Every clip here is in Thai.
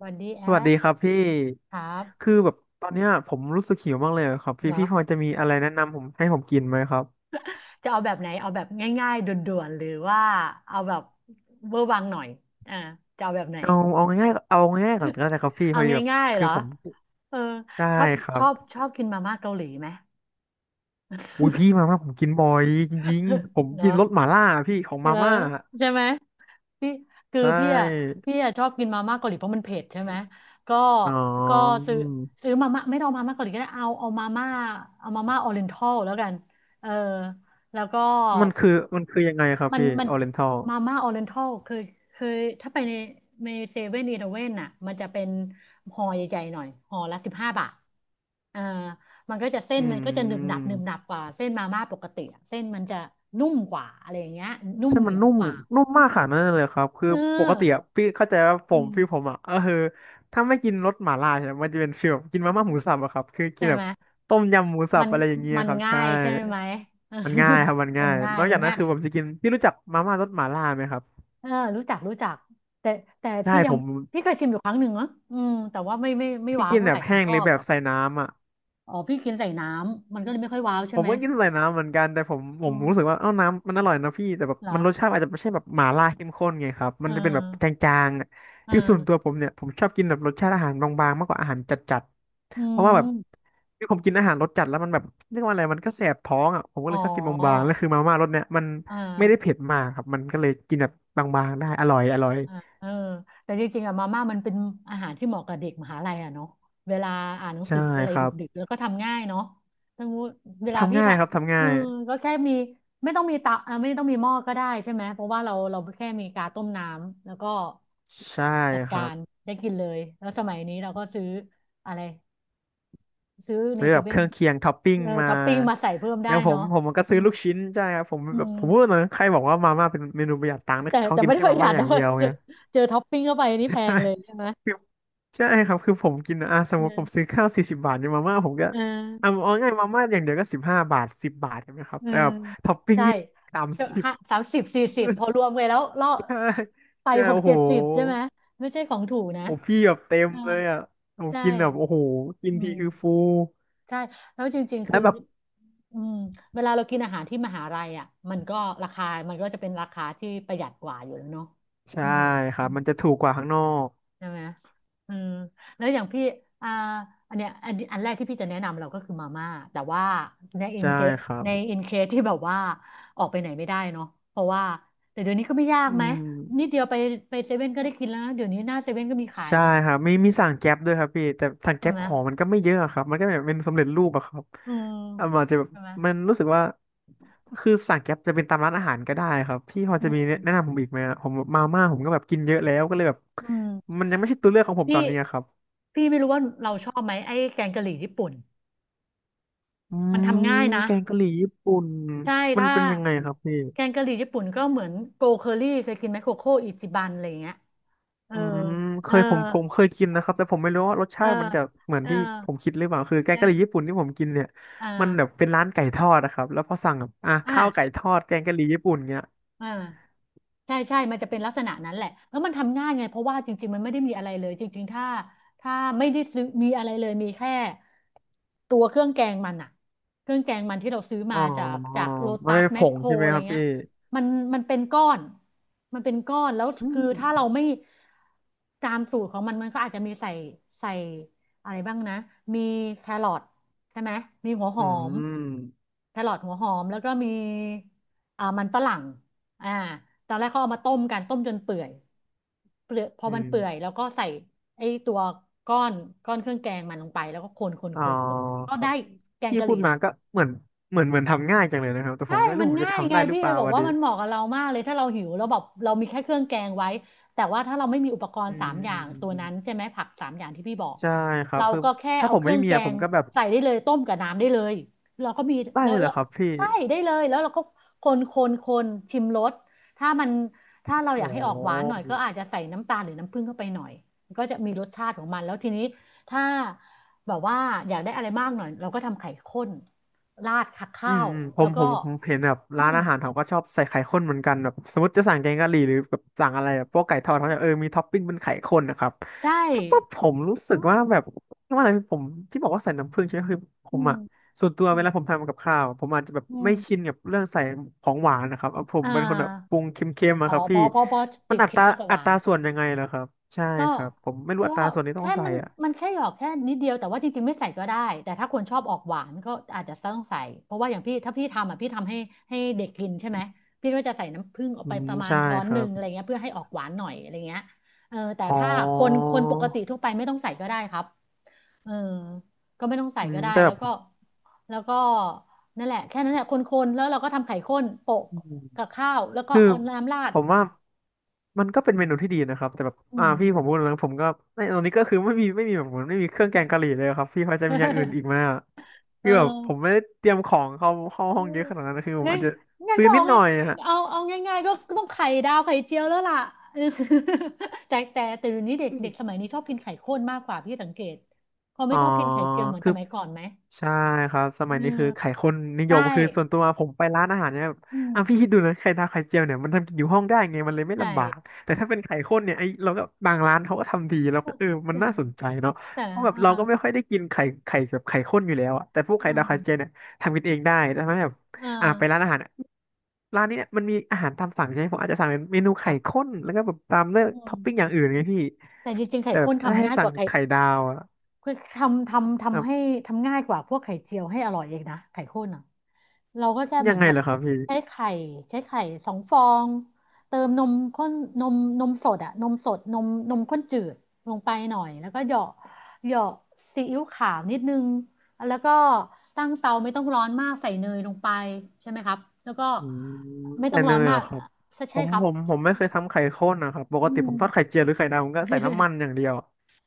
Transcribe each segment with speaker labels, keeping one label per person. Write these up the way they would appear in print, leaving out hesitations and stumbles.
Speaker 1: บอดี้แอ
Speaker 2: สวัส
Speaker 1: ค
Speaker 2: ดีครับพี่
Speaker 1: ครับ
Speaker 2: คือแบบตอนเนี้ยผมรู้สึกหิวมากเลยอะครับพี่
Speaker 1: เหรอ
Speaker 2: พี่พอจะมีอะไรแนะนำให้ผมกินไหมครับ
Speaker 1: จะเอาแบบไหนเอาแบบง่ายๆด่วนๆหรือว่าเอาแบบเวอร์วังหน่อยอ่าจะเอาแบบไหน
Speaker 2: เอาง่ายก่อนก็ได้ครับพี่พ
Speaker 1: เอา
Speaker 2: อดีแบบ
Speaker 1: ง่ายๆเห
Speaker 2: คื
Speaker 1: ร
Speaker 2: อ
Speaker 1: อ
Speaker 2: ผม
Speaker 1: เออ
Speaker 2: ได้
Speaker 1: ชอบ
Speaker 2: ครั
Speaker 1: ช
Speaker 2: บ
Speaker 1: อบชอบกินมาม่าเกาหลีไหม
Speaker 2: อุ้ยพี่มาม่าผมกินบ่อยจริงๆ ผม
Speaker 1: เหรอ
Speaker 2: กินรสหม่าล่าพี่ของ
Speaker 1: เออ
Speaker 2: มาม่า
Speaker 1: ใช่ไหม พี่คือ
Speaker 2: ได้
Speaker 1: พี่อ่ะชอบกินมาม่าเกาหลีเพราะมันเผ็ดใช่ไหมก็
Speaker 2: อ๋อ
Speaker 1: ก็ซื้อซื้อมาม่าไม่ต้องมาม่าเกาหลีก็ได้เอามาม่าเอามาม่าออริเอนทัลแล้วกันเออแล้วก็
Speaker 2: มันคือมันคือยังไงครับ
Speaker 1: มัน
Speaker 2: พี่
Speaker 1: มัน
Speaker 2: ออเรนทัล
Speaker 1: มาม่าออริเอนทัลเคยถ้าไปในเซเว่นอีเลฟเว่นอ่ะมันจะเป็นห่อใหญ่ๆหน่อยห่อละ15 บาทเออมันก็จะเส้น
Speaker 2: อื
Speaker 1: มันก็จะหนึบหนับหนึบหนั
Speaker 2: ม
Speaker 1: บกว่าเส้นมาม่าปกติอะเส้นมันจะนุ่มกว่าอะไรอย่างเงี้ยนุ่ม
Speaker 2: ใช่
Speaker 1: เห
Speaker 2: มั
Speaker 1: นี
Speaker 2: น
Speaker 1: ยว
Speaker 2: นุ่ม
Speaker 1: กว่า
Speaker 2: นุ่มมากขนาดนั้นเลยครับคือ
Speaker 1: เออ
Speaker 2: ปกติอะพี่เข้าใจว่าผ
Speaker 1: อื
Speaker 2: มพี่ผ
Speaker 1: ม
Speaker 2: มอ่ะก็คือถ้าไม่กินรสหม่าล่าเนี่ยมันจะเป็นฟีลแบบกินมาม่าหมูสับอะครับคือกิ
Speaker 1: ใช่
Speaker 2: นแบ
Speaker 1: ไหม
Speaker 2: บต้มยำหมูสั
Speaker 1: มั
Speaker 2: บ
Speaker 1: น
Speaker 2: อะไรอย่างเงี้ย
Speaker 1: มัน
Speaker 2: ครับ
Speaker 1: ง่า
Speaker 2: ใช่
Speaker 1: ยใช่ไหม
Speaker 2: มันง่ายครับมัน
Speaker 1: มั
Speaker 2: ง่า
Speaker 1: น
Speaker 2: ย
Speaker 1: ง่าย
Speaker 2: นอก
Speaker 1: มั
Speaker 2: จา
Speaker 1: น
Speaker 2: กนั้
Speaker 1: ง่า
Speaker 2: น
Speaker 1: ย
Speaker 2: คือผมจะกินพี่รู้จักมาม่ารสหม่าล่าไหมครับ
Speaker 1: เออรู้จักรู้จักแต่แต่
Speaker 2: ได้
Speaker 1: พี่ยั
Speaker 2: ผ
Speaker 1: ง
Speaker 2: ม
Speaker 1: พี่เคยชิมอยู่ครั้งหนึ่งนะอืมแต่ว่าไม่
Speaker 2: พี่
Speaker 1: ว้าว
Speaker 2: กิน
Speaker 1: เท่า
Speaker 2: แบ
Speaker 1: ไหร่
Speaker 2: บ
Speaker 1: หนู
Speaker 2: แห้ง
Speaker 1: ช
Speaker 2: ห
Speaker 1: อ
Speaker 2: รือ
Speaker 1: บ
Speaker 2: แบ
Speaker 1: เหรอ
Speaker 2: บใส่น้ำอ่ะ
Speaker 1: อ๋อพี่กินใส่น้ำมันก็เลยไม่ค่อยว้าวใช่
Speaker 2: ผม
Speaker 1: ไหม
Speaker 2: ก็กินใส่น้ำเหมือนกัน แต่ผมผ
Speaker 1: อื
Speaker 2: มรู้สึ
Speaker 1: ม
Speaker 2: กว่าเอ้าน้ำมันอร่อยนะพี่แต่แบบ
Speaker 1: เหรอ
Speaker 2: มันรสชาติอาจจะไม่ใช่แบบหม่าล่าเข้มข้นไงครับ
Speaker 1: เอ
Speaker 2: มันจะเป็นแบบจ
Speaker 1: อ
Speaker 2: างๆอะ
Speaker 1: เอ
Speaker 2: คือส่วนตัว
Speaker 1: อ
Speaker 2: ผมเนี่ยผมชอบกินแบบรสชาติอาหารบางๆมากกว่าอาหารจัด
Speaker 1: อื
Speaker 2: ๆ เพราะว่าแบบ
Speaker 1: ม
Speaker 2: คือผมกินอาหารรสจัดแล้วมันแบบเรียกว่าอะไรมันก็แสบท้องอ่ะผมก็
Speaker 1: อ๋
Speaker 2: เล
Speaker 1: อ
Speaker 2: ยชอบกินบางๆแล้วคือมาม่ารสเนี่ยมัน
Speaker 1: เออ
Speaker 2: ไม่ได้เผ็ดมากครับมันก็เลยกินแบบบางๆได้อร่อยอร่อย
Speaker 1: อ่าเออแต่จริงๆอะมาม่ามันเป็นอาหารที่เหมาะกับเด็กมหาลัยอะเนาะเวลาอ่านหนัง
Speaker 2: ใช่
Speaker 1: สืออะไร
Speaker 2: ครับ
Speaker 1: ดึกๆแล้วก็ทำง่ายเนาะทั้งเวลา
Speaker 2: ทำ
Speaker 1: พี่
Speaker 2: ง่า
Speaker 1: ท
Speaker 2: ยครับทำ
Speaker 1: ำเอ
Speaker 2: ง่า
Speaker 1: อ
Speaker 2: ย
Speaker 1: ก็แค่มีไม่ต้องมีเตาอ่าไม่ต้องมีหม้อก็ได้ใช่ไหมเพราะว่าเราเราแค่มีกาต้มน้ำแล้วก็
Speaker 2: ใช่
Speaker 1: จัด
Speaker 2: ค
Speaker 1: กา
Speaker 2: รับ
Speaker 1: รได้กินเลยแล้วสมัยนี้เราก็ซื้ออะไรซื้อใน
Speaker 2: ซื้อ
Speaker 1: เซ
Speaker 2: แบบเค
Speaker 1: เว่น
Speaker 2: รื่องเคียงท็อปปิ้ง
Speaker 1: เออ
Speaker 2: มา
Speaker 1: ท็อปปิ้งมาใส่เพิ่มได้
Speaker 2: แล้วผม
Speaker 1: เนาะ
Speaker 2: ผมมันก็
Speaker 1: อื
Speaker 2: ซื้อ
Speaker 1: ม
Speaker 2: ลูกชิ้นใช่ครับผม
Speaker 1: อื
Speaker 2: แบบผ
Speaker 1: ม
Speaker 2: มพูดนะใครบอกว่ามาม่าเป็นเมนูประหยัดตังค์นะ
Speaker 1: แต่
Speaker 2: เขา
Speaker 1: แต่
Speaker 2: กิน
Speaker 1: ไม่ได้
Speaker 2: แค่
Speaker 1: ป
Speaker 2: มา
Speaker 1: ระหยั
Speaker 2: ม่า
Speaker 1: ด
Speaker 2: อย่า
Speaker 1: นะ
Speaker 2: งเดียว
Speaker 1: เจ
Speaker 2: ไง
Speaker 1: อเจอท็อปปิ้งเข้าไปนี่แพงเลยใช่ไหม
Speaker 2: ใช่คือใช่ครับคือผมกินอ่ะสมมติผมซื้อข้าว40 บาทเนี่ยมาม่าผมก็
Speaker 1: เออ
Speaker 2: เอาง่ายมาม่าอย่างเดียวก็15 บาทสิบบาทใช่ไหมครับ
Speaker 1: เออ
Speaker 2: แต่แบบท็อปปิ้ง
Speaker 1: ใช่
Speaker 2: นี่สาม
Speaker 1: ก็
Speaker 2: สิบ
Speaker 1: ห้าสามสิบสี่สิบพ อรวมกันแล้วล่อ
Speaker 2: ใช่
Speaker 1: ไป
Speaker 2: ใช่
Speaker 1: หก
Speaker 2: โอ้โห
Speaker 1: เจ็ดสิบใช่ไหมไม่ใช่ของถูกนะ
Speaker 2: โอ้พี่แบบเต็ม
Speaker 1: เออ
Speaker 2: เลยอ่ะผม
Speaker 1: ใช่
Speaker 2: กินแบบโอ้โหกิน
Speaker 1: อื
Speaker 2: ที
Speaker 1: ม
Speaker 2: คือฟู
Speaker 1: ใช่แล้วจริงๆ
Speaker 2: แล้
Speaker 1: คือ
Speaker 2: วแบบ
Speaker 1: อืมเวลาเรากินอาหารที่มหาลัยอ่ะมันก็ราคามันก็จะเป็นราคาที่ประหยัดกว่าอยู่แล้วเนาะ
Speaker 2: ใช่
Speaker 1: อืม
Speaker 2: ครับมันจะถูกกว่าข้างนอก
Speaker 1: ใช่ไหมอืมแล้วอย่างพี่อ่าอันเนี้ยอันแรกที่พี่จะแนะนำเราก็คือมาม่าแต่ว่าในอิน
Speaker 2: ใช่
Speaker 1: เคส
Speaker 2: ครับ
Speaker 1: ในอินเคสที่แบบว่าออกไปไหนไม่ได้เนาะเพราะว่าแต่เดี๋ยวนี้ก็ไม่ยาก
Speaker 2: อื
Speaker 1: ไหม
Speaker 2: ม
Speaker 1: นิดเดียวไปเซเว่นก็ได้กินแล้วนะเดี๋ยวนี้หน้าเซเว่นก็มีขาย
Speaker 2: ใช่
Speaker 1: เนาะ
Speaker 2: ครับมีมีสั่งแก๊ปด้วยครับพี่แต่สั่ง
Speaker 1: ใช่
Speaker 2: แก๊ป
Speaker 1: ไหม
Speaker 2: ของมันก็ไม่เยอะอะครับมันก็แบบเป็นสำเร็จรูปอะครับ
Speaker 1: อืม
Speaker 2: อ่ะมันอาจจะแบบ
Speaker 1: ใช่ไหม
Speaker 2: มันรู้สึกว่าคือสั่งแก๊ปจะเป็นตามร้านอาหารก็ได้ครับพี่พอ
Speaker 1: อื
Speaker 2: จะมี
Speaker 1: ม
Speaker 2: แนะนำผมอีกไหมอะผมมาม่าผมก็แบบกินเยอะแล้วก็เลยแบบ
Speaker 1: อืม
Speaker 2: มันยังไม่ใช่ตัวเลือกของผม
Speaker 1: พี่
Speaker 2: ตอนนี้อะครับ
Speaker 1: พี่ไม่รู้ว่าเราชอบไหมไอ้แกงกะหรี่ญี่ปุ่น
Speaker 2: อื
Speaker 1: มัน
Speaker 2: ม
Speaker 1: ทำง่ายนะ
Speaker 2: แกงกะหรี่ญี่ปุ่น
Speaker 1: ใช่
Speaker 2: มัน
Speaker 1: ถ้า
Speaker 2: เป็นยังไงครับพี่
Speaker 1: แกงกะหรี่ญี่ปุ่นก็เหมือนโกเคอรี่เคยกินไหมโคโค่อิจิบันอะไรอย่างเงี้ยเออ
Speaker 2: อืมเค
Speaker 1: เออ
Speaker 2: ยผมเคยกินนะครับแต่ผมไม่รู้ว่ารส
Speaker 1: เอ
Speaker 2: ชา
Speaker 1: อ
Speaker 2: ติมันจะเหมือน
Speaker 1: เออ
Speaker 2: ที่ผมคิดหรือเปล่าคือแก
Speaker 1: เอ
Speaker 2: งกะห
Speaker 1: อ
Speaker 2: รี่ญี่ปุ่นที่ผมกินเนี่ย
Speaker 1: อ่
Speaker 2: มันแบบ
Speaker 1: า
Speaker 2: เป็นร้านไก่ทอดนะครับแล้วพอสั่งแบบอ่ะข้าวไก่
Speaker 1: อ่า
Speaker 2: ทอดแกงกะหรี่ญี่ปุ่นเงี้ย
Speaker 1: อ่า ใช่ใช่มันจะเป็นลักษณะนั้นแหละแล้วมันทำง่ายไงเพราะว่าจริงๆมันไม่ได้มีอะไรเลยจริงๆถ้าไม่ได้ซื้อมีอะไรเลยมีแค่ตัวเครื่องแกงมันอะเครื่องแกงมันที่เราซื้อ
Speaker 2: อ๋
Speaker 1: มาจาก
Speaker 2: อมั
Speaker 1: จา
Speaker 2: น
Speaker 1: กโลตั
Speaker 2: เป็
Speaker 1: ส
Speaker 2: น
Speaker 1: แม
Speaker 2: ผ
Speaker 1: ค
Speaker 2: ง
Speaker 1: โคร
Speaker 2: ใช่ไหม
Speaker 1: อะไร
Speaker 2: ครับ
Speaker 1: เงี้ย
Speaker 2: พี่
Speaker 1: มันมันเป็นก้อน มันเป็นก้อนแล้ว
Speaker 2: อื
Speaker 1: คือ
Speaker 2: ม
Speaker 1: ถ้าเราไม่ตามสูตรของมันมันก็อาจจะมีใส่อะไรบ้างนะ มีแครอทใช่ไหม มีหัวห
Speaker 2: อื
Speaker 1: อม
Speaker 2: ม
Speaker 1: แครอทหัวหอมแล้วก็มีอ่ามันฝรั่ง อ่าตอนแรกเขาเอามาต้มกันต้มจนเปื่อยเปลือยพอ
Speaker 2: อื
Speaker 1: มัน
Speaker 2: ม
Speaker 1: เปื่อยแล้วก็ใส่ไอ้ตัวก้อนก้อนเครื่องแกงมันลงไปแล้วก็คนคน
Speaker 2: อ๋อ
Speaker 1: คนคนก็
Speaker 2: ครั
Speaker 1: ได้
Speaker 2: บ
Speaker 1: แกง
Speaker 2: พี่
Speaker 1: กะห
Speaker 2: พู
Speaker 1: รี่
Speaker 2: ดมา
Speaker 1: ละ
Speaker 2: ก็เหมือนทำง่ายจังเลยนะครับแต่ผ
Speaker 1: ใช่
Speaker 2: มก็ไม่รู้
Speaker 1: มัน
Speaker 2: ผมจะ
Speaker 1: ง่าย
Speaker 2: ทำ
Speaker 1: ไง
Speaker 2: ได้หรือ
Speaker 1: พี่
Speaker 2: เป
Speaker 1: เล
Speaker 2: ล่า
Speaker 1: ยบอก
Speaker 2: วะ
Speaker 1: ว่า
Speaker 2: ดิ
Speaker 1: มันเหมาะกับเรามากเลยถ้าเราหิวเราแล้วแบบเรามีแค่เครื่องแกงไว้แต่ว่าถ้าเราไม่มีอุปกร
Speaker 2: อื
Speaker 1: ณ์สา
Speaker 2: ม
Speaker 1: มอย่า
Speaker 2: อืม
Speaker 1: งตัว
Speaker 2: อืม
Speaker 1: นั้นใช่ไหมผักสามอย่างที่พี่บอก
Speaker 2: ใช่ครับ
Speaker 1: เรา
Speaker 2: คือ
Speaker 1: ก็แค่
Speaker 2: ถ้า
Speaker 1: เอา
Speaker 2: ผม
Speaker 1: เครื่
Speaker 2: ไม่
Speaker 1: อง
Speaker 2: มี
Speaker 1: แก
Speaker 2: อะผ
Speaker 1: ง
Speaker 2: มก็แบบ
Speaker 1: ใส่ได้เลยต้มกับน้ำได้เลยเราก็มี
Speaker 2: ได้
Speaker 1: แล้
Speaker 2: เล
Speaker 1: ว
Speaker 2: ยเหร
Speaker 1: แล้
Speaker 2: อ
Speaker 1: ว
Speaker 2: ครับพี่
Speaker 1: ใช่ได้เลยแล้วเราก็คนคนคนชิมรสถ้ามันถ้าเราอยา
Speaker 2: โอ้
Speaker 1: กให้ออกหวานหน่อยก็อาจจะใส่น้ำตาลหรือน้ำผึ้งเข้าไปหน่อยก็จะมีรสชาติของมันแล้วทีนี้ถ้าแบบว่าอยากได้อะไรมากหน่อยเราก็ทำไข่ข้นราดขัก
Speaker 2: อื
Speaker 1: ข้า
Speaker 2: ม
Speaker 1: ว
Speaker 2: อืมผ
Speaker 1: แล้
Speaker 2: ม
Speaker 1: ว
Speaker 2: ผ
Speaker 1: ก็
Speaker 2: มผมเห็นแบบ
Speaker 1: อื
Speaker 2: ร้าน
Speaker 1: ม
Speaker 2: อาหารเขาก็ชอบใส่ไข่ข้นเหมือนกันแบบสมมติจะสั่งแกงกะหรี่หรือแบบสั่งอะไรแบบพวกไก่ทอดเขาจะเออมีท็อปปิ้งเป็นไข่ข้นนะครับ
Speaker 1: ใช่
Speaker 2: แต่ว่าผมรู้สึ
Speaker 1: อื
Speaker 2: ก
Speaker 1: ม
Speaker 2: ว่าแบบว่าอะไรผมที่บอกว่าใส่น้ำผึ้งใช่ไหมคือผ
Speaker 1: อื
Speaker 2: ม
Speaker 1: ม
Speaker 2: อ่ะส่วนตัว
Speaker 1: อื
Speaker 2: เว
Speaker 1: ม
Speaker 2: ลาผมทำกับข้าวผมอาจจะแบบ
Speaker 1: อื
Speaker 2: ไม่ชิน
Speaker 1: ม
Speaker 2: กับเรื่องใส่ของหวานนะครับเอาผม
Speaker 1: อ่
Speaker 2: เป็นคนแบบป
Speaker 1: า
Speaker 2: รุงเค็มๆ
Speaker 1: อ๋
Speaker 2: อะ
Speaker 1: อ
Speaker 2: ครับ
Speaker 1: เพ
Speaker 2: พี่
Speaker 1: อพอพอ
Speaker 2: มั
Speaker 1: ติ
Speaker 2: น
Speaker 1: ด
Speaker 2: อัต
Speaker 1: เค็ม
Speaker 2: รา
Speaker 1: มากกว่าห
Speaker 2: อั
Speaker 1: วา
Speaker 2: ต
Speaker 1: น
Speaker 2: รา
Speaker 1: ใช่
Speaker 2: ส่
Speaker 1: ไหม
Speaker 2: วนยังไงเหรอครับใช่
Speaker 1: ก็
Speaker 2: ครับผมไม่รู้
Speaker 1: ก็
Speaker 2: อัตราส่วนที่ต้อ
Speaker 1: แค่
Speaker 2: งใส่
Speaker 1: มัน
Speaker 2: อ่ะ
Speaker 1: มันแค่หยอกแค่นิดเดียว แต่ว่าจริงๆไม่ใส่ก็ได้ แต่ถ้าคนชอบออกหวานก็อาจจะต้องใส่เพราะว่าอย่างพี่ถ้าพี่ทำอ่ะพี่ทำให้เด็กกินใช่ไหมพี่ก็จะใส่น้ำผึ้งออก
Speaker 2: อื
Speaker 1: ไป
Speaker 2: ม
Speaker 1: ประมาณ
Speaker 2: ใช่
Speaker 1: ช้อน
Speaker 2: ค
Speaker 1: ห
Speaker 2: รั
Speaker 1: นึ่ง
Speaker 2: บ
Speaker 1: อะไรเงี้ยเพื่อให้ออกหวานหน่อยอะไรเงี้ยเออแต่
Speaker 2: อ๋อ
Speaker 1: ถ้าคนปกติทั่วไปไม่ต้องใส่ก็ได้ครับ เออก็ไม่ต้องใส่
Speaker 2: อื
Speaker 1: ก็
Speaker 2: ม
Speaker 1: ได้
Speaker 2: แต่แบ
Speaker 1: แล้ว
Speaker 2: บ
Speaker 1: ก็แล้วก็นั่นแหละแค่นั้นแหละคนๆแล้วเราก็ทำไข่ข้นโปะกับข้าวแล้วก็
Speaker 2: คือ
Speaker 1: เอาน้ำราด
Speaker 2: ผมว่ามันก็เป็นเมนูที่ดีนะครับแต่แบบ
Speaker 1: อื
Speaker 2: อ่า
Speaker 1: ม
Speaker 2: พี่ผมพูดแล้วผมก็ในตอนนี้ก็คือไม่มีแบบเหมือนไม่มีเครื่องแกงกะหรี่เลยครับพี่พอจะมีอย่างอื่นอีกไหม อะ
Speaker 1: เอ
Speaker 2: คือแบบผม
Speaker 1: อ
Speaker 2: ไม่ได้เตรียมของเข้า
Speaker 1: อื
Speaker 2: ห้องเย
Speaker 1: ม
Speaker 2: อะขนาดนั้นนะคือผม
Speaker 1: งั้น
Speaker 2: อาจจะ
Speaker 1: งั้น
Speaker 2: ซื้อ
Speaker 1: ก็
Speaker 2: นิ
Speaker 1: เอา
Speaker 2: ดห
Speaker 1: ไง
Speaker 2: น่อยอะ
Speaker 1: เอาง่ายๆก็ต้องไข่ดาวไข่เจียวแล้วล่ะ แต่เดี๋ยวนี้เด็กเด็กสมัยนี้ชอบกินไข่ข้นมากกว่าพี่สังเกตเขาไม่
Speaker 2: อ๋อ
Speaker 1: ชอบกินไข่เจียวเหมือน
Speaker 2: คื
Speaker 1: ส
Speaker 2: อ
Speaker 1: มัยก่อนไหม
Speaker 2: ใช่ครับส
Speaker 1: เอ
Speaker 2: มัย
Speaker 1: อ
Speaker 2: นี้คือไข่ข้นนิย
Speaker 1: ใช่
Speaker 2: มคือส่วนตัวผมไปร้านอาหารเนี่ยแบบ
Speaker 1: อื
Speaker 2: พี่
Speaker 1: ม
Speaker 2: คิดดูนะไข่ดาวไข่เจียวเนี่ยมันทำกินอยู่ห้องได้ไงมันเลยไม่
Speaker 1: ใ
Speaker 2: ลำบาก
Speaker 1: ช่
Speaker 2: แต่ถ้าเป็นไข่ข้นเนี่ยไอเราก็บางร้านเขาก็ทำดีเราก็เออ
Speaker 1: เอ
Speaker 2: มัน
Speaker 1: อ
Speaker 2: น่าสนใจเนาะ
Speaker 1: แต่
Speaker 2: เพราะแบบ
Speaker 1: เออ
Speaker 2: เราก็ไม่ค่อยได้กินไข่แบบไข่ข้นอยู่แล้วอะแต่พวก
Speaker 1: เอ
Speaker 2: ไข่ดาวไข่เจีย
Speaker 1: อ
Speaker 2: วเนี่ยทำกินเองได้แต่ถ้าแบบ
Speaker 1: เอ
Speaker 2: ไป
Speaker 1: อ
Speaker 2: ร้านอาหารเนี่ยร้านนี้เนี่ยมันมีอาหารตามสั่งใช่ไหมผมอาจจะสั่งเป็นเมนู
Speaker 1: ค
Speaker 2: ไข่
Speaker 1: รับ
Speaker 2: ข้นแล้วก็แบบตามเลือ
Speaker 1: อื
Speaker 2: กท็อ
Speaker 1: ม
Speaker 2: ปปิ้งอย่างอื่นไงพี่
Speaker 1: แต่จริงๆไข่
Speaker 2: แต่แบ
Speaker 1: ข้
Speaker 2: บ
Speaker 1: น
Speaker 2: ถ้า
Speaker 1: ทำ
Speaker 2: ให้
Speaker 1: ง่ายก
Speaker 2: สั่ง
Speaker 1: ว่าไข่
Speaker 2: ไข่ดาวอะ
Speaker 1: คือทำให้ทำง่ายกว่าพวกไข่เจียวให้อร่อยเองนะไข่ข้นอ่ะเราก็แค่เห
Speaker 2: ยั
Speaker 1: มือ
Speaker 2: ง
Speaker 1: น
Speaker 2: ไง
Speaker 1: แบ
Speaker 2: เห
Speaker 1: บ
Speaker 2: รอครับพี่
Speaker 1: ใช้ไข่ใช้ไข่2 ฟองเติมนมข้นนมนมสดอ่ะนมสดนมนมข้นจืดลงไปหน่อยแล้วก็เหยาะเหยาะซีอิ๊วขาวนิดนึงแล้วก็ตั้งเตาไม่ต้องร้อนมากใส่เนยลงไปใช่ไหมครับแล้วก็
Speaker 2: อืม
Speaker 1: ไม่
Speaker 2: ใส่
Speaker 1: ต้อง
Speaker 2: เน
Speaker 1: ร้อน
Speaker 2: ย
Speaker 1: มา
Speaker 2: เหร
Speaker 1: ก
Speaker 2: อครับผ
Speaker 1: ใช่
Speaker 2: ม
Speaker 1: ครับ
Speaker 2: ผมผมไม่เคยทำไข่ข้นนะครับปก
Speaker 1: อื
Speaker 2: ติผ
Speaker 1: ม
Speaker 2: มทอดไข่เจียวหรือไข่ดาวผมก็ใส่น้ำมัน อย่างเดียว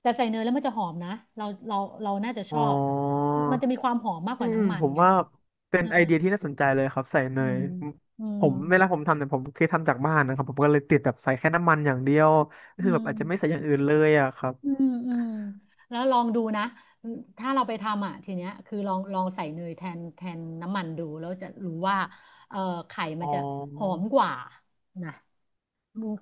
Speaker 1: แต่ใส่เนยแล้วมันจะหอมนะเราเราเราน่าจะช
Speaker 2: อ๋อ
Speaker 1: อบมันจะมีความหอมมากก
Speaker 2: อื
Speaker 1: ว่า
Speaker 2: ม
Speaker 1: น้ำมั
Speaker 2: ผ
Speaker 1: น
Speaker 2: ม
Speaker 1: ไง
Speaker 2: ว่าเป็
Speaker 1: เอ
Speaker 2: น
Speaker 1: อ
Speaker 2: ไอเดียที่น่าสนใจเลยครับใส่เน
Speaker 1: อื
Speaker 2: ย
Speaker 1: ม
Speaker 2: ผม
Speaker 1: อื
Speaker 2: ผ
Speaker 1: ม
Speaker 2: มเวลาผมทำเนี่ยผมเคยทำจากบ้านนะครับผมก็เลยติดแบบใส่แค่น้ำมันอย่างเดียวก็
Speaker 1: อื
Speaker 2: คือแบบอาจจะไม่ใส่
Speaker 1: ม
Speaker 2: อย่างอื่นเลยอะครับ
Speaker 1: อืมอืมแล้วลองดูนะถ้าเราไปทำอ่ะทีเนี้ยคือลองใส่เนยแทนน้ำมันดูแล้วจะรู้ว่าเอ่อไข่มั
Speaker 2: อ๋อ
Speaker 1: นจะหอมกว่านะ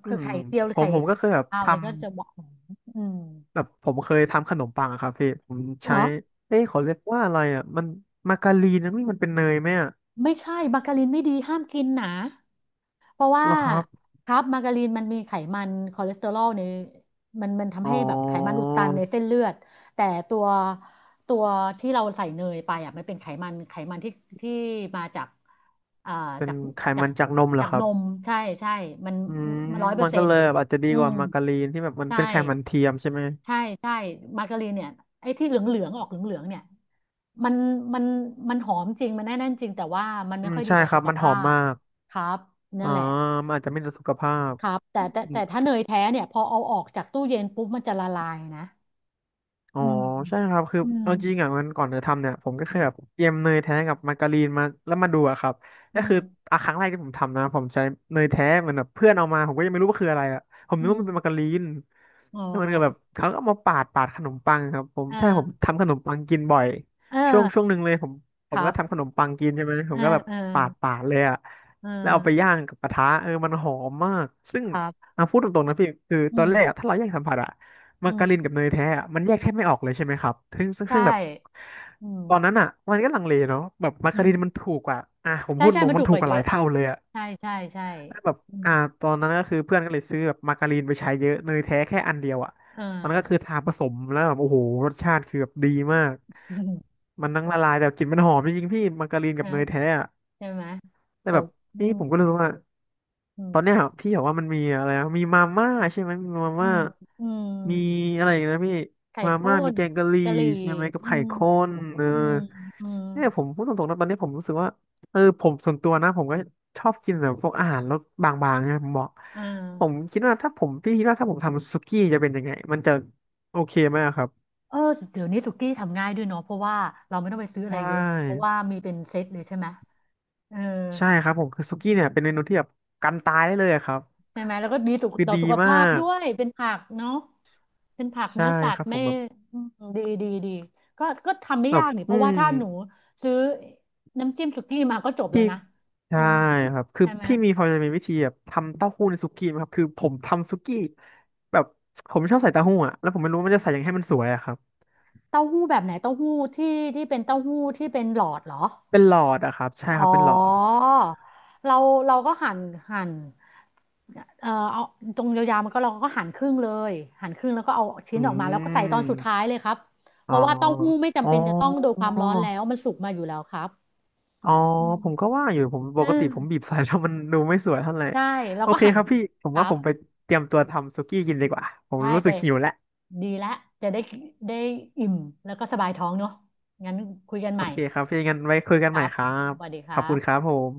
Speaker 2: อื
Speaker 1: คือ
Speaker 2: ม
Speaker 1: ไข่เจียวหรื
Speaker 2: ผ
Speaker 1: อ
Speaker 2: ม
Speaker 1: ไข่
Speaker 2: ผมก็เคยแบบ
Speaker 1: ขาวอะไร
Speaker 2: ทำ
Speaker 1: ก็จะบอกหอมอืม
Speaker 2: แบบผมเคยทำขนมปังอะครับพี่ผม
Speaker 1: เห
Speaker 2: ใช้
Speaker 1: รอ
Speaker 2: เอ้ยเขาเรียกว่าอะไรอะมันมาการีนนะนี่มันเป็นเนยไหมอะ
Speaker 1: ไม่ใช่มาการินไม่ดีห้ามกินนะเพราะว่า
Speaker 2: เหรอครับ
Speaker 1: ครับมาการีนมันมีไขมันคอเลสเตอรอลในมันทำ
Speaker 2: อ๋
Speaker 1: ให้แบบไขมันอุ
Speaker 2: อ
Speaker 1: ดตันในเส้นเลือดแต่ตัวตัวที่เราใส่เนยไปอ่ะมันเป็นไขมันที่ที่มาจากอ่า
Speaker 2: เป็น
Speaker 1: จาก
Speaker 2: ไข
Speaker 1: จาก
Speaker 2: มันจากนมเหร
Speaker 1: จา
Speaker 2: อ
Speaker 1: ก
Speaker 2: ครั
Speaker 1: น
Speaker 2: บ
Speaker 1: มใช่ใช่มัน
Speaker 2: อืม
Speaker 1: ร้อยเปอ
Speaker 2: มั
Speaker 1: ร์
Speaker 2: น
Speaker 1: เซ็
Speaker 2: ก็
Speaker 1: น
Speaker 2: เล
Speaker 1: ต์
Speaker 2: ยแบบอาจจะดี
Speaker 1: อื
Speaker 2: ก
Speaker 1: ม
Speaker 2: ว่ามาการีนที่แบบมัน
Speaker 1: ใช่
Speaker 2: เป็นไขมันเทียมใช่ไหม
Speaker 1: ใช่ใช่มาการีนเนี่ยไอ้ที่เหลืองเหลืองออกเหลืองเหลืองเนี่ยมันมันมันหอมจริงมันแน่นๆจริงแต่ว่ามัน
Speaker 2: อื
Speaker 1: ไม่
Speaker 2: ม
Speaker 1: ค่อยดี
Speaker 2: ใช่
Speaker 1: ต่อ
Speaker 2: ครั
Speaker 1: สุ
Speaker 2: บ
Speaker 1: ข
Speaker 2: มันห
Speaker 1: ภา
Speaker 2: อม
Speaker 1: พ
Speaker 2: มาก
Speaker 1: ครับนั่
Speaker 2: อ๋อ
Speaker 1: นแหละ
Speaker 2: มันอาจจะไม่ดีต่อสุขภาพ
Speaker 1: ครับแต่
Speaker 2: อ
Speaker 1: แต่
Speaker 2: ื
Speaker 1: แต่
Speaker 2: ม
Speaker 1: ถ้าเนยแท้เนี่ยพอเอาออกจากตู้เย็นปุ๊บมันจะละลายนะ
Speaker 2: อ๋อ
Speaker 1: อืม
Speaker 2: ใช่ครับคือ
Speaker 1: อืม
Speaker 2: เอาจริงอ่ะมันก่อนจะทำเนี่ยผมก็เคยแบบเตรียมเนยแท้กับมาการีนมาแล้วมาดูอะครับ
Speaker 1: อื
Speaker 2: ก็คือ
Speaker 1: ม
Speaker 2: อ่ะครั้งแรกที่ผมทำนะผมใช้เนยแท้เหมือนแบบเพื่อนเอามาผมก็ยังไม่รู้ว่าคืออะไรอ่ะผม
Speaker 1: อื
Speaker 2: นึกว่ามันเป็นมา
Speaker 1: ม
Speaker 2: การีน
Speaker 1: อ๋
Speaker 2: แล้วมันก็แบบ
Speaker 1: อ
Speaker 2: เขาก็เอามาปาดขนมปังครับผม
Speaker 1: อ่
Speaker 2: ใช่ผม
Speaker 1: า
Speaker 2: ทำขนมปังกินบ่อย
Speaker 1: เอ
Speaker 2: ช่วง
Speaker 1: อ
Speaker 2: หนึ่งเลยผมผ
Speaker 1: ค
Speaker 2: ม
Speaker 1: รั
Speaker 2: ก็
Speaker 1: บ
Speaker 2: ทำขนมปังกินใช่ไหมผ
Speaker 1: เอ
Speaker 2: มก็
Speaker 1: อ
Speaker 2: แบบ
Speaker 1: เออ
Speaker 2: ปาดเลยอ่ะ
Speaker 1: เอ
Speaker 2: แล้วเอาไป
Speaker 1: อ
Speaker 2: ย่างกับกระทะเออมันหอมมากซึ่ง
Speaker 1: ครับ
Speaker 2: อ่ะพูดตรงๆนะพี่คือ
Speaker 1: อื
Speaker 2: ตอนแรกอะ
Speaker 1: ม
Speaker 2: ถ้าเราแยกสัมผัสอ่ะ
Speaker 1: อื
Speaker 2: มาการิน
Speaker 1: ม
Speaker 2: กับเนยแท้อะมันแยกแทบไม่ออกเลยใช่ไหมครับซึ่งซึ่ง
Speaker 1: ใช่
Speaker 2: ซึ่งแบบ
Speaker 1: อื
Speaker 2: ตอ
Speaker 1: ม
Speaker 2: นนั้นอ่ะมันก็ลังเลเนาะแบบมา
Speaker 1: อื
Speaker 2: การินมัน
Speaker 1: ม
Speaker 2: ถูกกว่าอ่ะผม
Speaker 1: ใช่
Speaker 2: พูด
Speaker 1: ใช่
Speaker 2: ตรง
Speaker 1: มัน
Speaker 2: มั
Speaker 1: ถู
Speaker 2: น
Speaker 1: ก
Speaker 2: ถู
Speaker 1: ก
Speaker 2: ก
Speaker 1: ว่า
Speaker 2: ก
Speaker 1: เย
Speaker 2: ว่าหลา
Speaker 1: อะ
Speaker 2: ยเท่าเลยอ่ะ
Speaker 1: ใช่ใช่ใช่
Speaker 2: แล้วแบบ
Speaker 1: อืม
Speaker 2: อ่าตอนนั้นก็คือเพื่อนก็เลยซื้อแบบมาการินไปใช้เยอะเนยแท้แค่อันเดียวอ่ะ
Speaker 1: อ่า
Speaker 2: มันก็คือทาผสมแล้วแบบโอ้โหรสชาติคือแบบดีมาก มันทั้ง
Speaker 1: ใช่
Speaker 2: ละ
Speaker 1: ไหม
Speaker 2: ลายแต่กลิ่นมันหอมจริงๆพี่มาการินกับ
Speaker 1: นะ
Speaker 2: เนยแท้อะ
Speaker 1: ใช่ไหม
Speaker 2: แต่
Speaker 1: แต่
Speaker 2: แบบ
Speaker 1: อื
Speaker 2: นี่
Speaker 1: ม
Speaker 2: ผมก็รู้สึกว่า
Speaker 1: อื
Speaker 2: ตอนเนี้
Speaker 1: ม
Speaker 2: ยพี่บอกว่ามันมีอะไรนะมีมาม่าใช่ไหมมีมา
Speaker 1: อื
Speaker 2: ม่า
Speaker 1: มอืม
Speaker 2: มีอะไรอีกนะพี่
Speaker 1: ไข่
Speaker 2: มา
Speaker 1: ข้
Speaker 2: ม่ามี
Speaker 1: น
Speaker 2: แกงกะหรี่
Speaker 1: กะหรี่
Speaker 2: ใช่ไหมกับ
Speaker 1: อื
Speaker 2: ไข่
Speaker 1: ม
Speaker 2: ข้นเออ
Speaker 1: อืมอืม
Speaker 2: เนี่ยผมพูดตรงๆนะตอนนี้ผมรู้สึกว่าเออผมส่วนตัวนะผมก็ชอบกินแบบพวกอาหารรสบางๆเน่ยผมบอก
Speaker 1: อ่
Speaker 2: ผม
Speaker 1: า
Speaker 2: คิดว่าถ้าผมพี่คิดว่าถ้าผมทำสุกี้จะเป็นยังไงมันจะโอเคไหมอะครับ
Speaker 1: เออเดี๋ยวนี้สุกี้ทำง่ายด้วยเนาะเพราะว่าเราไม่ต้องไปซื้อ
Speaker 2: ใช
Speaker 1: อะไรเยอะเพราะ
Speaker 2: ่
Speaker 1: ว่ามีเป็นเซตเลยใช่ไหมเออ
Speaker 2: ใช่ครับผมคือสุกี้เนี่ยเป็นเมนูที่แบบกันตายได้เลยอะครับ
Speaker 1: ใช่ไหมแล้วก็ดีสุข
Speaker 2: คือ
Speaker 1: ต่อ
Speaker 2: ดี
Speaker 1: สุข
Speaker 2: มา
Speaker 1: ภาพ
Speaker 2: ก
Speaker 1: ด้วยเป็นผักเนาะเป็นผัก
Speaker 2: ใช่
Speaker 1: เนื้อสัต
Speaker 2: ครั
Speaker 1: ว์
Speaker 2: บผ
Speaker 1: ไม่
Speaker 2: มแบบ
Speaker 1: อืมดีดีดีก็ทำไม่
Speaker 2: แบ
Speaker 1: ยา
Speaker 2: บ
Speaker 1: กนี่เพ
Speaker 2: อื
Speaker 1: ราะว่า
Speaker 2: ม
Speaker 1: ถ้าหนูซื้อน้ำจิ้มสุกี้มาก็จบแล้ว
Speaker 2: พี่
Speaker 1: นะเออ
Speaker 2: ใช่ครับคือ
Speaker 1: ใช่ไหม
Speaker 2: พี่มีพอจะมีวิธีแบบทำเต้าหู้ในสุกี้ไหมครับคือผมทำสุกี้แบบผมชอบใส่เต้าหู้อะแล้วผมไม่รู้ว่ามันจะใส่ยังไงให้มันสวยอะครับ
Speaker 1: เต้าหู้แบบไหนเต้าหู้ที่เป็นเต้าหู้ที่เป็นหลอดเหรอ
Speaker 2: เป็นหลอดอะครับใช่ค
Speaker 1: อ๋
Speaker 2: รับ
Speaker 1: อ
Speaker 2: เป็นหลอด
Speaker 1: เราเราก็หั่นหั่น เออเอาตรงยาวๆมันก็เราก็หั่นครึ่งเลยหั่นครึ่งแล้วก็เอาชิ้
Speaker 2: อื
Speaker 1: นออกมาแล้วก็ใส่ตอนสุด
Speaker 2: ม
Speaker 1: ท้ายเลยครับเพ
Speaker 2: อ๋อ
Speaker 1: ราะว่าเต้าหู้ไม่
Speaker 2: อ๋
Speaker 1: จำ
Speaker 2: อ
Speaker 1: เป็นจะต้องโดนความร้อนแล้วมันสุกมาอยู่แล้วครับ
Speaker 2: อ๋อ
Speaker 1: อืม
Speaker 2: ผมก็ว่าอยู่ผมป
Speaker 1: อื
Speaker 2: ก
Speaker 1: ม
Speaker 2: ติผมบีบใส่แล้วมันดูไม่สวยเท่าไหร่
Speaker 1: ใช่แล้ว
Speaker 2: โอ
Speaker 1: ก็
Speaker 2: เค
Speaker 1: หั่น
Speaker 2: ครับพี่ผ
Speaker 1: ค
Speaker 2: ม
Speaker 1: รั
Speaker 2: ว่าผ
Speaker 1: บ
Speaker 2: มไปเตรียมตัวทำสุกี้กินดีกว่าผม
Speaker 1: ใช่
Speaker 2: รู้
Speaker 1: ไป
Speaker 2: สึกหิวแล้ว
Speaker 1: ดีแล้วจะได้อิ่มแล้วก็สบายท้องเนาะงั้นคุยกัน
Speaker 2: โอ
Speaker 1: ใหม่
Speaker 2: เคครับพี่งั้นไว้คุยกั
Speaker 1: ค
Speaker 2: นใหม่
Speaker 1: รับ
Speaker 2: ครับ
Speaker 1: สวัสดีค
Speaker 2: ขอบ
Speaker 1: รั
Speaker 2: คุ
Speaker 1: บ
Speaker 2: ณครับผม